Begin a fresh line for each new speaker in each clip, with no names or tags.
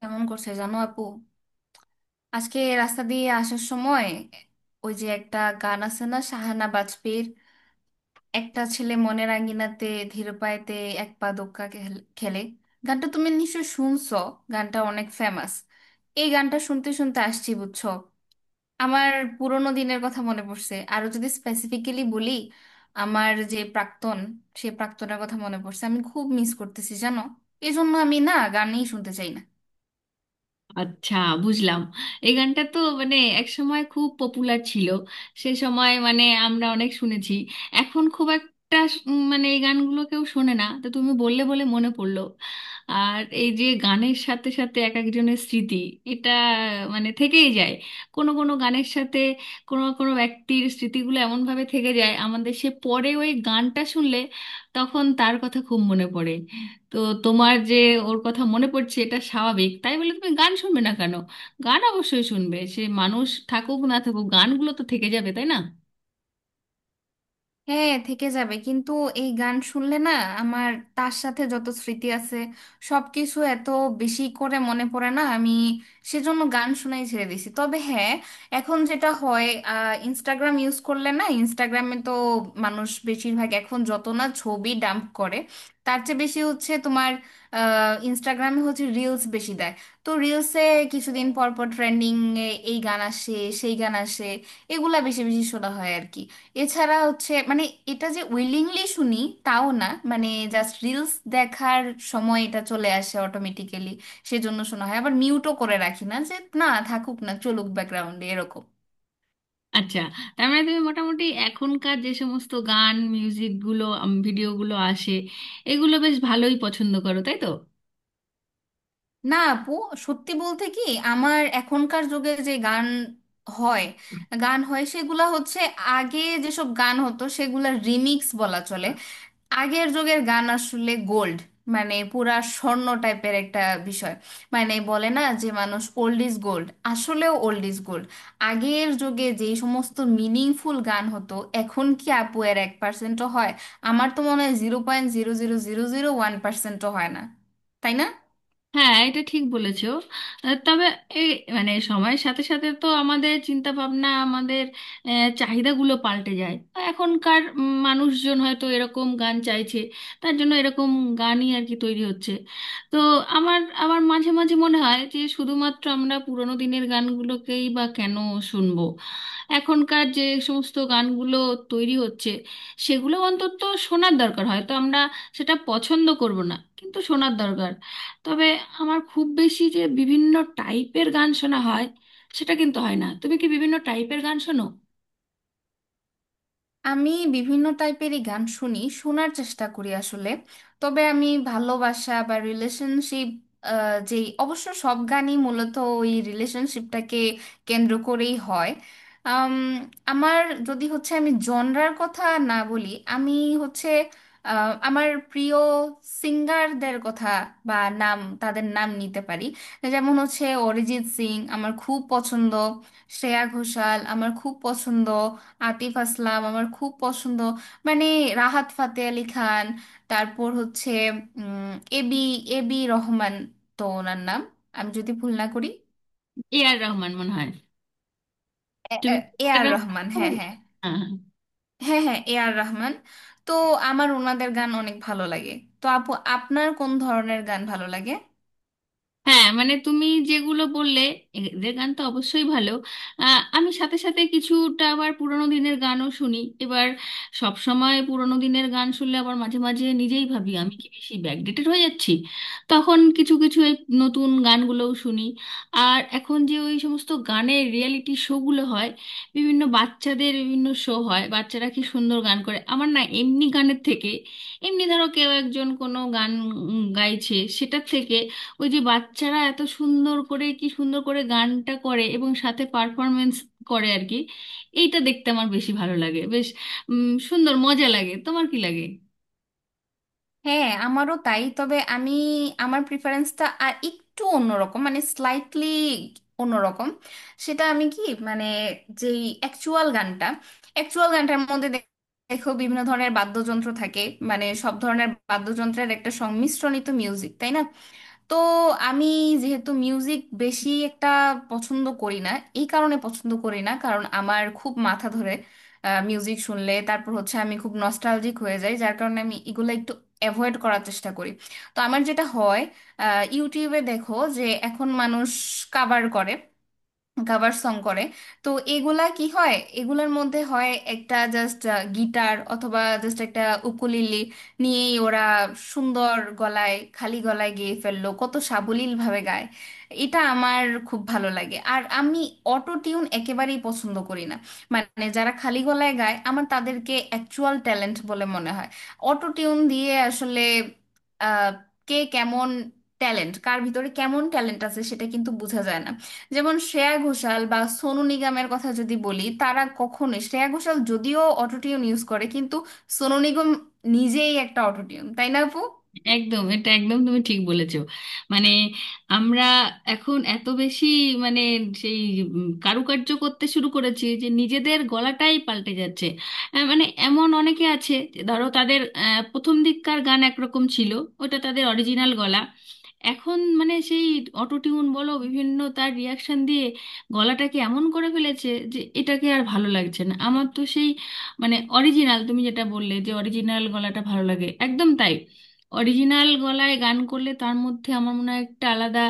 কেমন করছে জানো, আপু? আজকে রাস্তা দিয়ে আসার সময় ওই যে একটা গান আছে না, সাহানা বাজপেয়ীর, একটা ছেলে মনের আঙ্গিনাতে ধীর পায়েতে এক পা দোক্কা খেলে। গানটা তুমি নিশ্চয় শুনছো। গানটা অনেক ফেমাস। এই গানটা শুনতে শুনতে আসছি বুঝছো, আমার পুরোনো দিনের কথা মনে পড়ছে। আরো যদি স্পেসিফিক্যালি বলি, আমার যে প্রাক্তন, সে প্রাক্তনের কথা মনে পড়ছে, আমি খুব মিস করতেছি জানো। এই জন্য আমি না গানই শুনতে চাই না।
আচ্ছা, বুঝলাম। এই গানটা তো মানে এক সময় খুব পপুলার ছিল। সে সময় মানে আমরা অনেক শুনেছি। এখন খুব একটা মানে এই গানগুলো কেউ শোনে না, তো তুমি বললে বলে মনে পড়লো। আর এই যে গানের সাথে সাথে এক একজনের স্মৃতি, এটা মানে থেকেই যায়। কোনো কোনো গানের সাথে কোনো কোনো ব্যক্তির স্মৃতিগুলো এমনভাবে থেকে যায় আমাদের, সে পরে ওই গানটা শুনলে তখন তার কথা খুব মনে পড়ে। তো তোমার যে ওর কথা মনে পড়ছে, এটা স্বাভাবিক, তাই বলে তুমি গান শুনবে না কেন? গান অবশ্যই শুনবে, সে মানুষ থাকুক না থাকুক গানগুলো তো থেকে যাবে, তাই না?
হ্যাঁ থেকে যাবে, কিন্তু এই গান শুনলে না আমার তার সাথে যত স্মৃতি আছে সবকিছু এত বেশি করে মনে পড়ে না আমি, সেজন্য গান শুনাই ছেড়ে দিছি। তবে হ্যাঁ, এখন যেটা হয়, ইনস্টাগ্রাম ইউজ করলে না, ইনস্টাগ্রামে তো মানুষ বেশিরভাগ এখন যত না ছবি ডাম্প করে, তার চেয়ে বেশি হচ্ছে তোমার ইনস্টাগ্রামে হচ্ছে রিলস বেশি দেয়। তো রিলসে কিছুদিন পর পর ট্রেন্ডিং এ এই গান আসে, সেই গান আসে। এগুলা বেশি বেশি শোনা হয় আর কি। এছাড়া হচ্ছে, মানে এটা যে উইলিংলি শুনি তাও না। মানে জাস্ট রিলস দেখার সময় এটা চলে আসে অটোমেটিক্যালি, সেজন্য শোনা হয়। আবার মিউটও করে রাখি না যে না থাকুক, না চলুক ব্যাকগ্রাউন্ডে, এরকম।
আচ্ছা, তার মানে তুমি মোটামুটি এখনকার যে সমস্ত গান, মিউজিকগুলো, ভিডিওগুলো আসে, এগুলো বেশ ভালোই পছন্দ করো, তাই তো?
না আপু, সত্যি বলতে কি, আমার এখনকার যুগে যে গান হয়, গান হয় সেগুলা হচ্ছে আগে যেসব গান হতো সেগুলা রিমিক্স বলা চলে। আগের যুগের গান আসলে গোল্ড, মানে পুরা স্বর্ণ টাইপের একটা বিষয়। মানে বলে না যে মানুষ ওল্ড ইজ গোল্ড, আসলেও ওল্ড ইজ গোল্ড। আগের যুগে যেই সমস্ত মিনিংফুল গান হতো এখন কি আপু এর এক পার্সেন্টও হয়? আমার তো মনে হয় zero point zero zero zero zero one পার্সেন্টও হয় না, তাই না?
হ্যাঁ, এটা ঠিক বলেছো। তবে এই মানে সময়ের সাথে সাথে তো আমাদের চিন্তা ভাবনা, আমাদের চাহিদাগুলো পাল্টে যায়। এখনকার মানুষজন হয়তো এরকম গান চাইছে, তার জন্য এরকম গানই আর কি তৈরি হচ্ছে। তো আমার আমার মাঝে মাঝে মনে হয় যে শুধুমাত্র আমরা পুরোনো দিনের গানগুলোকেই বা কেন শুনবো? এখনকার যে সমস্ত গানগুলো তৈরি হচ্ছে সেগুলো অন্তত শোনার দরকার, হয়তো আমরা সেটা পছন্দ করব না কিন্তু শোনার দরকার। তবে আমার খুব বেশি যে বিভিন্ন টাইপের গান শোনা হয়, সেটা কিন্তু হয় না। তুমি কি বিভিন্ন টাইপের গান শোনো?
আমি বিভিন্ন টাইপেরই গান শুনি, শোনার চেষ্টা করি আসলে। তবে আমি ভালোবাসা বা রিলেশনশিপ, যেই অবশ্য সব গানই মূলত ওই রিলেশনশিপটাকে কেন্দ্র করেই হয়। আম, আমার, যদি হচ্ছে আমি জনরার কথা না বলি, আমি হচ্ছে আমার প্রিয় সিঙ্গারদের কথা বা নাম, তাদের নাম নিতে পারি। যেমন হচ্ছে অরিজিৎ সিং আমার খুব পছন্দ, শ্রেয়া ঘোষাল আমার খুব পছন্দ, আতিফ আসলাম আমার খুব পছন্দ, মানে রাহাত ফাতে আলি খান, তারপর হচ্ছে এবি, এবি রহমান। তো ওনার নাম আমি যদি ভুল না করি,
এ আর রহমান মনে হয়। তুমি
এ
এ আর
আর রহমান।
রহমান
হ্যাঁ,
বলছো?
হ্যাঁ।
হ্যাঁ, হ্যাঁ।
হ্যাঁ, হ্যাঁ, এ আর রহমান। তো আমার ওনাদের গান অনেক ভালো লাগে। তো আপু, আপনার কোন ধরনের গান ভালো লাগে?
হ্যাঁ, মানে তুমি যেগুলো বললে, এদের গান তো অবশ্যই ভালো। আমি সাথে সাথে কিছুটা আবার পুরোনো দিনের গানও শুনি। এবার সব সময় পুরোনো দিনের গান শুনলে আবার মাঝে মাঝে নিজেই ভাবি, আমি কি বেশি ব্যাকডেটেড হয়ে যাচ্ছি? তখন কিছু কিছু এই নতুন গানগুলোও শুনি। আর এখন যে ওই সমস্ত গানের রিয়েলিটি শোগুলো হয়, বিভিন্ন বাচ্চাদের বিভিন্ন শো হয়, বাচ্চারা কি সুন্দর গান করে! আমার না, এমনি গানের থেকে, এমনি ধরো কেউ একজন কোনো গান গাইছে, সেটার থেকে ওই যে বাচ্চারা এত সুন্দর করে, কি সুন্দর করে গানটা করে এবং সাথে পারফরমেন্স করে আর কি, এইটা দেখতে আমার বেশি ভালো লাগে। বেশ সুন্দর, মজা লাগে। তোমার কি লাগে?
হ্যাঁ আমারও তাই। তবে আমি, আমার প্রিফারেন্সটা আর একটু অন্যরকম, মানে স্লাইটলি অন্যরকম। সেটা আমি কি মানে, যেই অ্যাকচুয়াল গানটা, অ্যাকচুয়াল গানটার মধ্যে দেখো বিভিন্ন ধরনের বাদ্যযন্ত্র থাকে, মানে সব ধরনের বাদ্যযন্ত্রের একটা সংমিশ্রণিত মিউজিক, তাই না? তো আমি যেহেতু মিউজিক বেশি একটা পছন্দ করি না, এই কারণে পছন্দ করি না কারণ আমার খুব মাথা ধরে মিউজিক শুনলে। তারপর হচ্ছে আমি খুব নস্টালজিক হয়ে যাই, যার কারণে আমি এগুলো একটু অ্যাভয়েড করার চেষ্টা করি। তো আমার যেটা হয়, ইউটিউবে দেখো যে এখন মানুষ কাভার করে, কাভার সং করে। তো এগুলা কি হয়? এগুলার মধ্যে হয় একটা জাস্ট গিটার অথবা জাস্ট একটা উকুলিলি নিয়েই ওরা সুন্দর গলায়, খালি গলায় গেয়ে ফেললো, কত সাবলীল ভাবে গায়। এটা আমার খুব ভালো লাগে। আর আমি অটো টিউন একেবারেই পছন্দ করি না। মানে যারা খালি গলায় গায় আমার তাদেরকে অ্যাকচুয়াল ট্যালেন্ট বলে মনে হয়। অটো টিউন দিয়ে আসলে আহ, কে কেমন ট্যালেন্ট, কার ভিতরে কেমন ট্যালেন্ট আছে সেটা কিন্তু বোঝা যায় না। যেমন শ্রেয়া ঘোষাল বা সোনু নিগমের কথা যদি বলি, তারা কখনোই, শ্রেয়া ঘোষাল যদিও অটোটিউন ইউজ করে, কিন্তু সোনু নিগম নিজেই একটা অটোটিউন, তাই না আপু?
একদম, এটা একদম তুমি ঠিক বলেছো। মানে আমরা এখন এত বেশি মানে সেই কারুকার্য করতে শুরু করেছি যে নিজেদের গলাটাই পাল্টে যাচ্ছে। মানে এমন অনেকে আছে যে ধরো তাদের প্রথম দিককার গান একরকম ছিল, ওটা তাদের অরিজিনাল গলা। এখন মানে সেই অটো টিউন বলো, বিভিন্ন তার রিয়াকশন দিয়ে গলাটাকে এমন করে ফেলেছে যে এটাকে আর ভালো লাগছে না আমার। তো সেই মানে অরিজিনাল, তুমি যেটা বললে যে অরিজিনাল গলাটা ভালো লাগে, একদম তাই। অরিজিনাল গলায় গান করলে তার মধ্যে আমার মনে হয় একটা আলাদা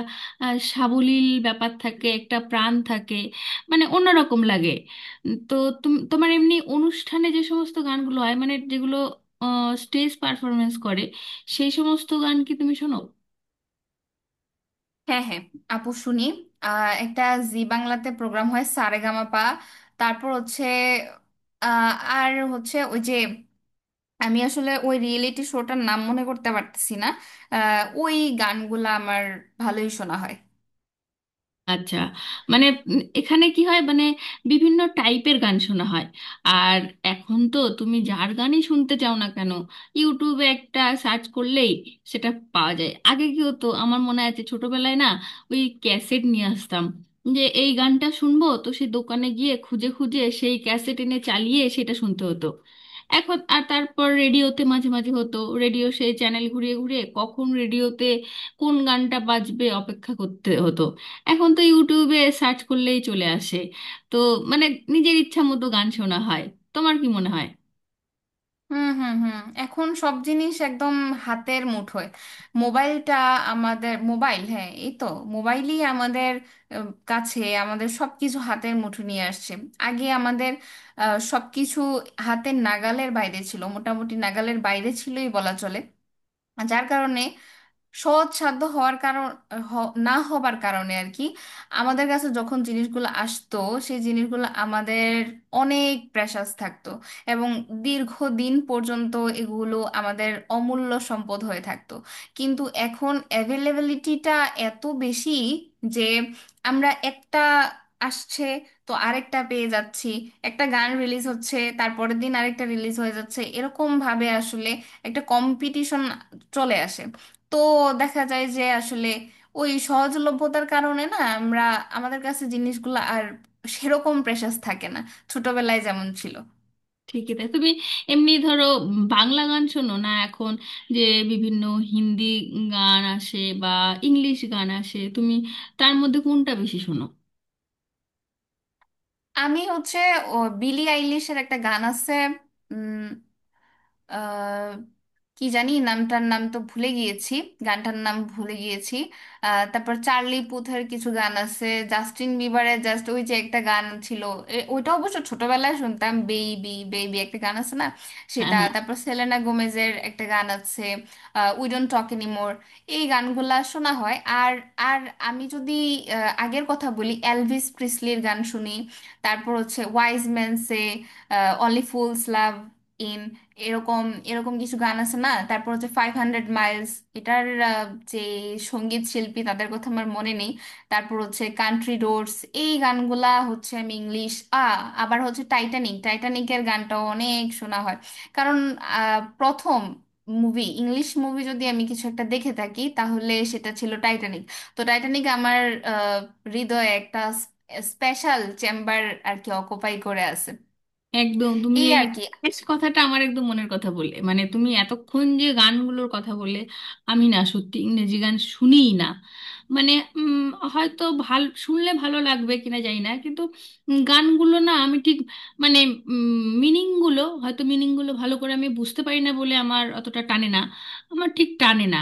সাবলীল ব্যাপার থাকে, একটা প্রাণ থাকে, মানে অন্যরকম লাগে। তো তোমার এমনি অনুষ্ঠানে যে সমস্ত গানগুলো হয়, মানে যেগুলো স্টেজ পারফরমেন্স করে, সেই সমস্ত গান কি তুমি শোনো?
হ্যাঁ, হ্যাঁ, আপু শুনি। একটা জি বাংলাতে প্রোগ্রাম হয় সারেগামাপা। তারপর হচ্ছে, আহ, আর হচ্ছে ওই যে, আমি আসলে ওই রিয়েলিটি শোটার নাম মনে করতে পারতেছি না। ওই গানগুলা আমার ভালোই শোনা হয়।
আচ্ছা, মানে এখানে কি হয়, মানে বিভিন্ন টাইপের গান শোনা হয়। আর এখন তো তুমি যার গানই শুনতে চাও না কেন, ইউটিউবে একটা সার্চ করলেই সেটা পাওয়া যায়। আগে কি হতো আমার মনে আছে, ছোটবেলায় না ওই ক্যাসেট নিয়ে আসতাম, যে এই গানটা শুনবো তো সেই দোকানে গিয়ে খুঁজে খুঁজে সেই ক্যাসেট এনে চালিয়ে সেটা শুনতে হতো। এখন আর, তারপর রেডিওতে মাঝে মাঝে হতো, রেডিও সেই চ্যানেল ঘুরিয়ে ঘুরিয়ে কখন রেডিওতে কোন গানটা বাজবে অপেক্ষা করতে হতো। এখন তো ইউটিউবে সার্চ করলেই চলে আসে। তো মানে নিজের ইচ্ছা মতো গান শোনা হয়। তোমার কি মনে হয়?
হুম, হুম, হুম, এখন সব জিনিস একদম হাতের মুঠোয়। মোবাইলটা আমাদের, মোবাইল হ্যাঁ এই তো, মোবাইলই আমাদের কাছে, আমাদের সব কিছু হাতের মুঠো নিয়ে আসছে। আগে আমাদের সব কিছু হাতের নাগালের বাইরে ছিল, মোটামুটি নাগালের বাইরে ছিলই বলা চলে। যার কারণে সৎসাধ্য হওয়ার কারণ, না হবার কারণে আর কি, আমাদের কাছে যখন জিনিসগুলো আসতো, সেই জিনিসগুলো আমাদের অনেক প্রেশাস থাকতো এবং দীর্ঘদিন পর্যন্ত এগুলো আমাদের অমূল্য সম্পদ হয়ে থাকতো। কিন্তু এখন অ্যাভেলেবিলিটিটা এত বেশি যে আমরা একটা আসছে তো আরেকটা পেয়ে যাচ্ছি। একটা গান রিলিজ হচ্ছে তারপরের দিন আরেকটা রিলিজ হয়ে যাচ্ছে, এরকম ভাবে আসলে একটা কম্পিটিশন চলে আসে। তো দেখা যায় যে আসলে ওই সহজলভ্যতার কারণে না, আমরা, আমাদের কাছে জিনিসগুলো আর সেরকম প্রেশাস থাকে না ছোটবেলায় যেমন ছিল।
ঠিকই তাই। তুমি এমনি ধরো বাংলা গান শোনো না, এখন যে বিভিন্ন হিন্দি গান আসে বা ইংলিশ গান আসে, তুমি তার মধ্যে কোনটা বেশি শোনো?
আমি হচ্ছে, ও, বিলি আইলিশের একটা গান আছে, আহ কি জানি নামটার, নাম তো ভুলে গিয়েছি, গানটার নাম ভুলে গিয়েছি। আহ, তারপর চার্লি পুথের কিছু গান আছে, জাস্টিন বিবারের জাস্ট ওই যে একটা গান ছিল, ওইটা অবশ্য ছোটবেলায় শুনতাম, বেবি বেবি একটা গান আছে না,
হ্যাঁ,
সেটা।
হ্যাঁ।
তারপর সেলেনা গোমেজের একটা গান আছে উই ডোন্ট টক এনিমোর, এই গানগুলা শোনা হয়। আর আর আমি যদি আগের কথা বলি, এলভিস প্রিসলির গান শুনি। তারপর হচ্ছে wise man say only fools love in, এরকম এরকম কিছু গান আছে না, তারপর হচ্ছে ফাইভ হান্ড্রেড মাইলস, এটার যে সঙ্গীত শিল্পী তাদের কথা আমার মনে নেই। তারপর হচ্ছে কান্ট্রি রোডস, এই গানগুলা হচ্ছে আমি ইংলিশ, আবার হচ্ছে টাইটানিক, টাইটানিকের গানটাও অনেক শোনা হয়। কারণ প্রথম মুভি, ইংলিশ মুভি যদি আমি কিছু একটা দেখে থাকি তাহলে সেটা ছিল টাইটানিক। তো টাইটানিক আমার আহ, হৃদয়ে একটা স্পেশাল চেম্বার আর কি অকুপাই করে আছে,
একদম, তুমি
এই
এই
আর কি।
শেষ কথাটা আমার একদম মনের কথা বলে। মানে তুমি এতক্ষণ যে গানগুলোর কথা বলে, আমি না সত্যি ইংরেজি গান শুনিই না। মানে উম, হয়তো ভাল শুনলে ভালো লাগবে কিনা জানি না, কিন্তু গানগুলো না আমি ঠিক মানে মিনিংগুলো, হয়তো মিনিংগুলো ভালো করে আমি বুঝতে পারি না বলে আমার অতটা টানে না, আমার ঠিক টানে না।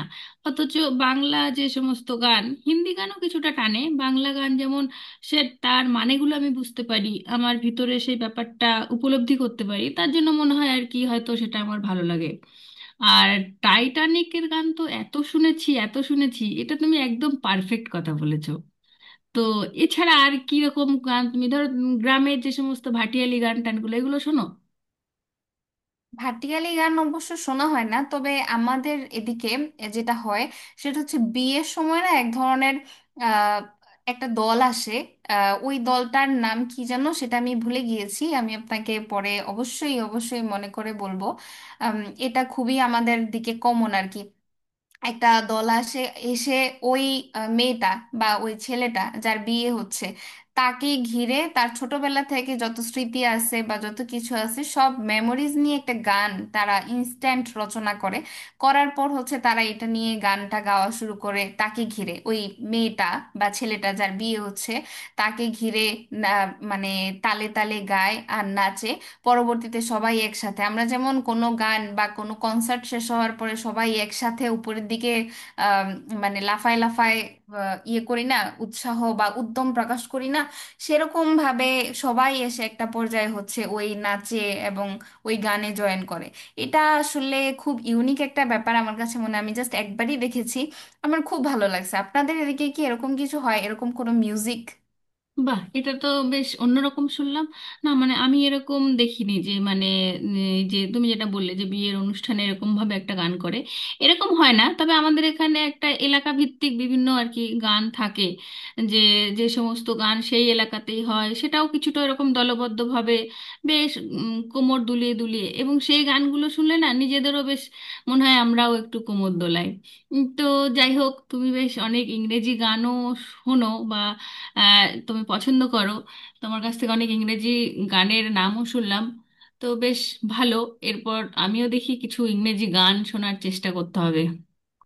অথচ বাংলা যে সমস্ত গান, হিন্দি গানও কিছুটা টানে, বাংলা গান যেমন সে, তার মানেগুলো আমি বুঝতে পারি, আমার ভিতরে সেই ব্যাপারটা উপলব্ধি করতে পারি, তার জন্য মনে হয় আর কি হয়তো সেটা আমার ভালো লাগে। আর টাইটানিকের গান তো এত শুনেছি, এত শুনেছি, এটা তুমি একদম পারফেক্ট কথা বলেছো। তো এছাড়া আর কি রকম গান তুমি ধরো, গ্রামের যে সমস্ত ভাটিয়ালি গান, টানগুলো, এগুলো শোনো?
ভাটিয়ালি গান অবশ্য শোনা হয় না। তবে আমাদের এদিকে যেটা হয়, সেটা হচ্ছে বিয়ের সময় না এক ধরনের আহ, একটা দল আসে। ওই দলটার নাম কি যেন, সেটা আমি ভুলে গিয়েছি, আমি আপনাকে পরে অবশ্যই অবশ্যই মনে করে বলবো। আম, এটা খুবই আমাদের দিকে কমন আর কি। একটা দল আসে, এসে ওই মেয়েটা বা ওই ছেলেটা যার বিয়ে হচ্ছে, তাকে ঘিরে তার ছোটবেলা থেকে যত স্মৃতি আছে বা যত কিছু আছে সব মেমোরিজ নিয়ে একটা গান তারা ইনস্ট্যান্ট রচনা করে। করার পর হচ্ছে তারা এটা নিয়ে গানটা গাওয়া শুরু করে তাকে ঘিরে, ওই মেয়েটা বা ছেলেটা যার বিয়ে হচ্ছে, তাকে ঘিরে। মানে তালে তালে গায় আর নাচে। পরবর্তীতে সবাই একসাথে, আমরা যেমন কোনো গান বা কোনো কনসার্ট শেষ হওয়ার পরে সবাই একসাথে উপরের দিকে, আম, মানে লাফায় লাফায় ইয়ে করি না, উৎসাহ বা উদ্যম প্রকাশ করি না, সেরকম ভাবে সবাই এসে একটা পর্যায়ে হচ্ছে ওই নাচে এবং ওই গানে জয়েন করে। এটা আসলে খুব ইউনিক একটা ব্যাপার আমার কাছে মনে হয়। আমি জাস্ট একবারই দেখেছি, আমার খুব ভালো লাগছে। আপনাদের এদিকে কি এরকম কিছু হয়, এরকম কোনো মিউজিক?
বাহ, এটা তো বেশ অন্যরকম শুনলাম। না মানে আমি এরকম দেখিনি, যে মানে এই যে তুমি যেটা বললে যে বিয়ের অনুষ্ঠানে এরকম ভাবে একটা গান করে, এরকম হয় না। তবে আমাদের এখানে একটা এলাকা ভিত্তিক বিভিন্ন আর কি গান থাকে, যে যে সমস্ত গান সেই এলাকাতেই হয়, সেটাও কিছুটা এরকম দলবদ্ধভাবে বেশ কোমর দুলিয়ে দুলিয়ে, এবং সেই গানগুলো শুনলে না নিজেদেরও বেশ মনে হয় আমরাও একটু কোমর দোলাই। তো যাই হোক, তুমি বেশ অনেক ইংরেজি গানও শোনো বা আহ, তুমি পছন্দ করো, তোমার কাছ থেকে অনেক ইংরেজি গানের নামও শুনলাম। তো বেশ ভালো, এরপর আমিও দেখি কিছু ইংরেজি গান শোনার চেষ্টা করতে হবে।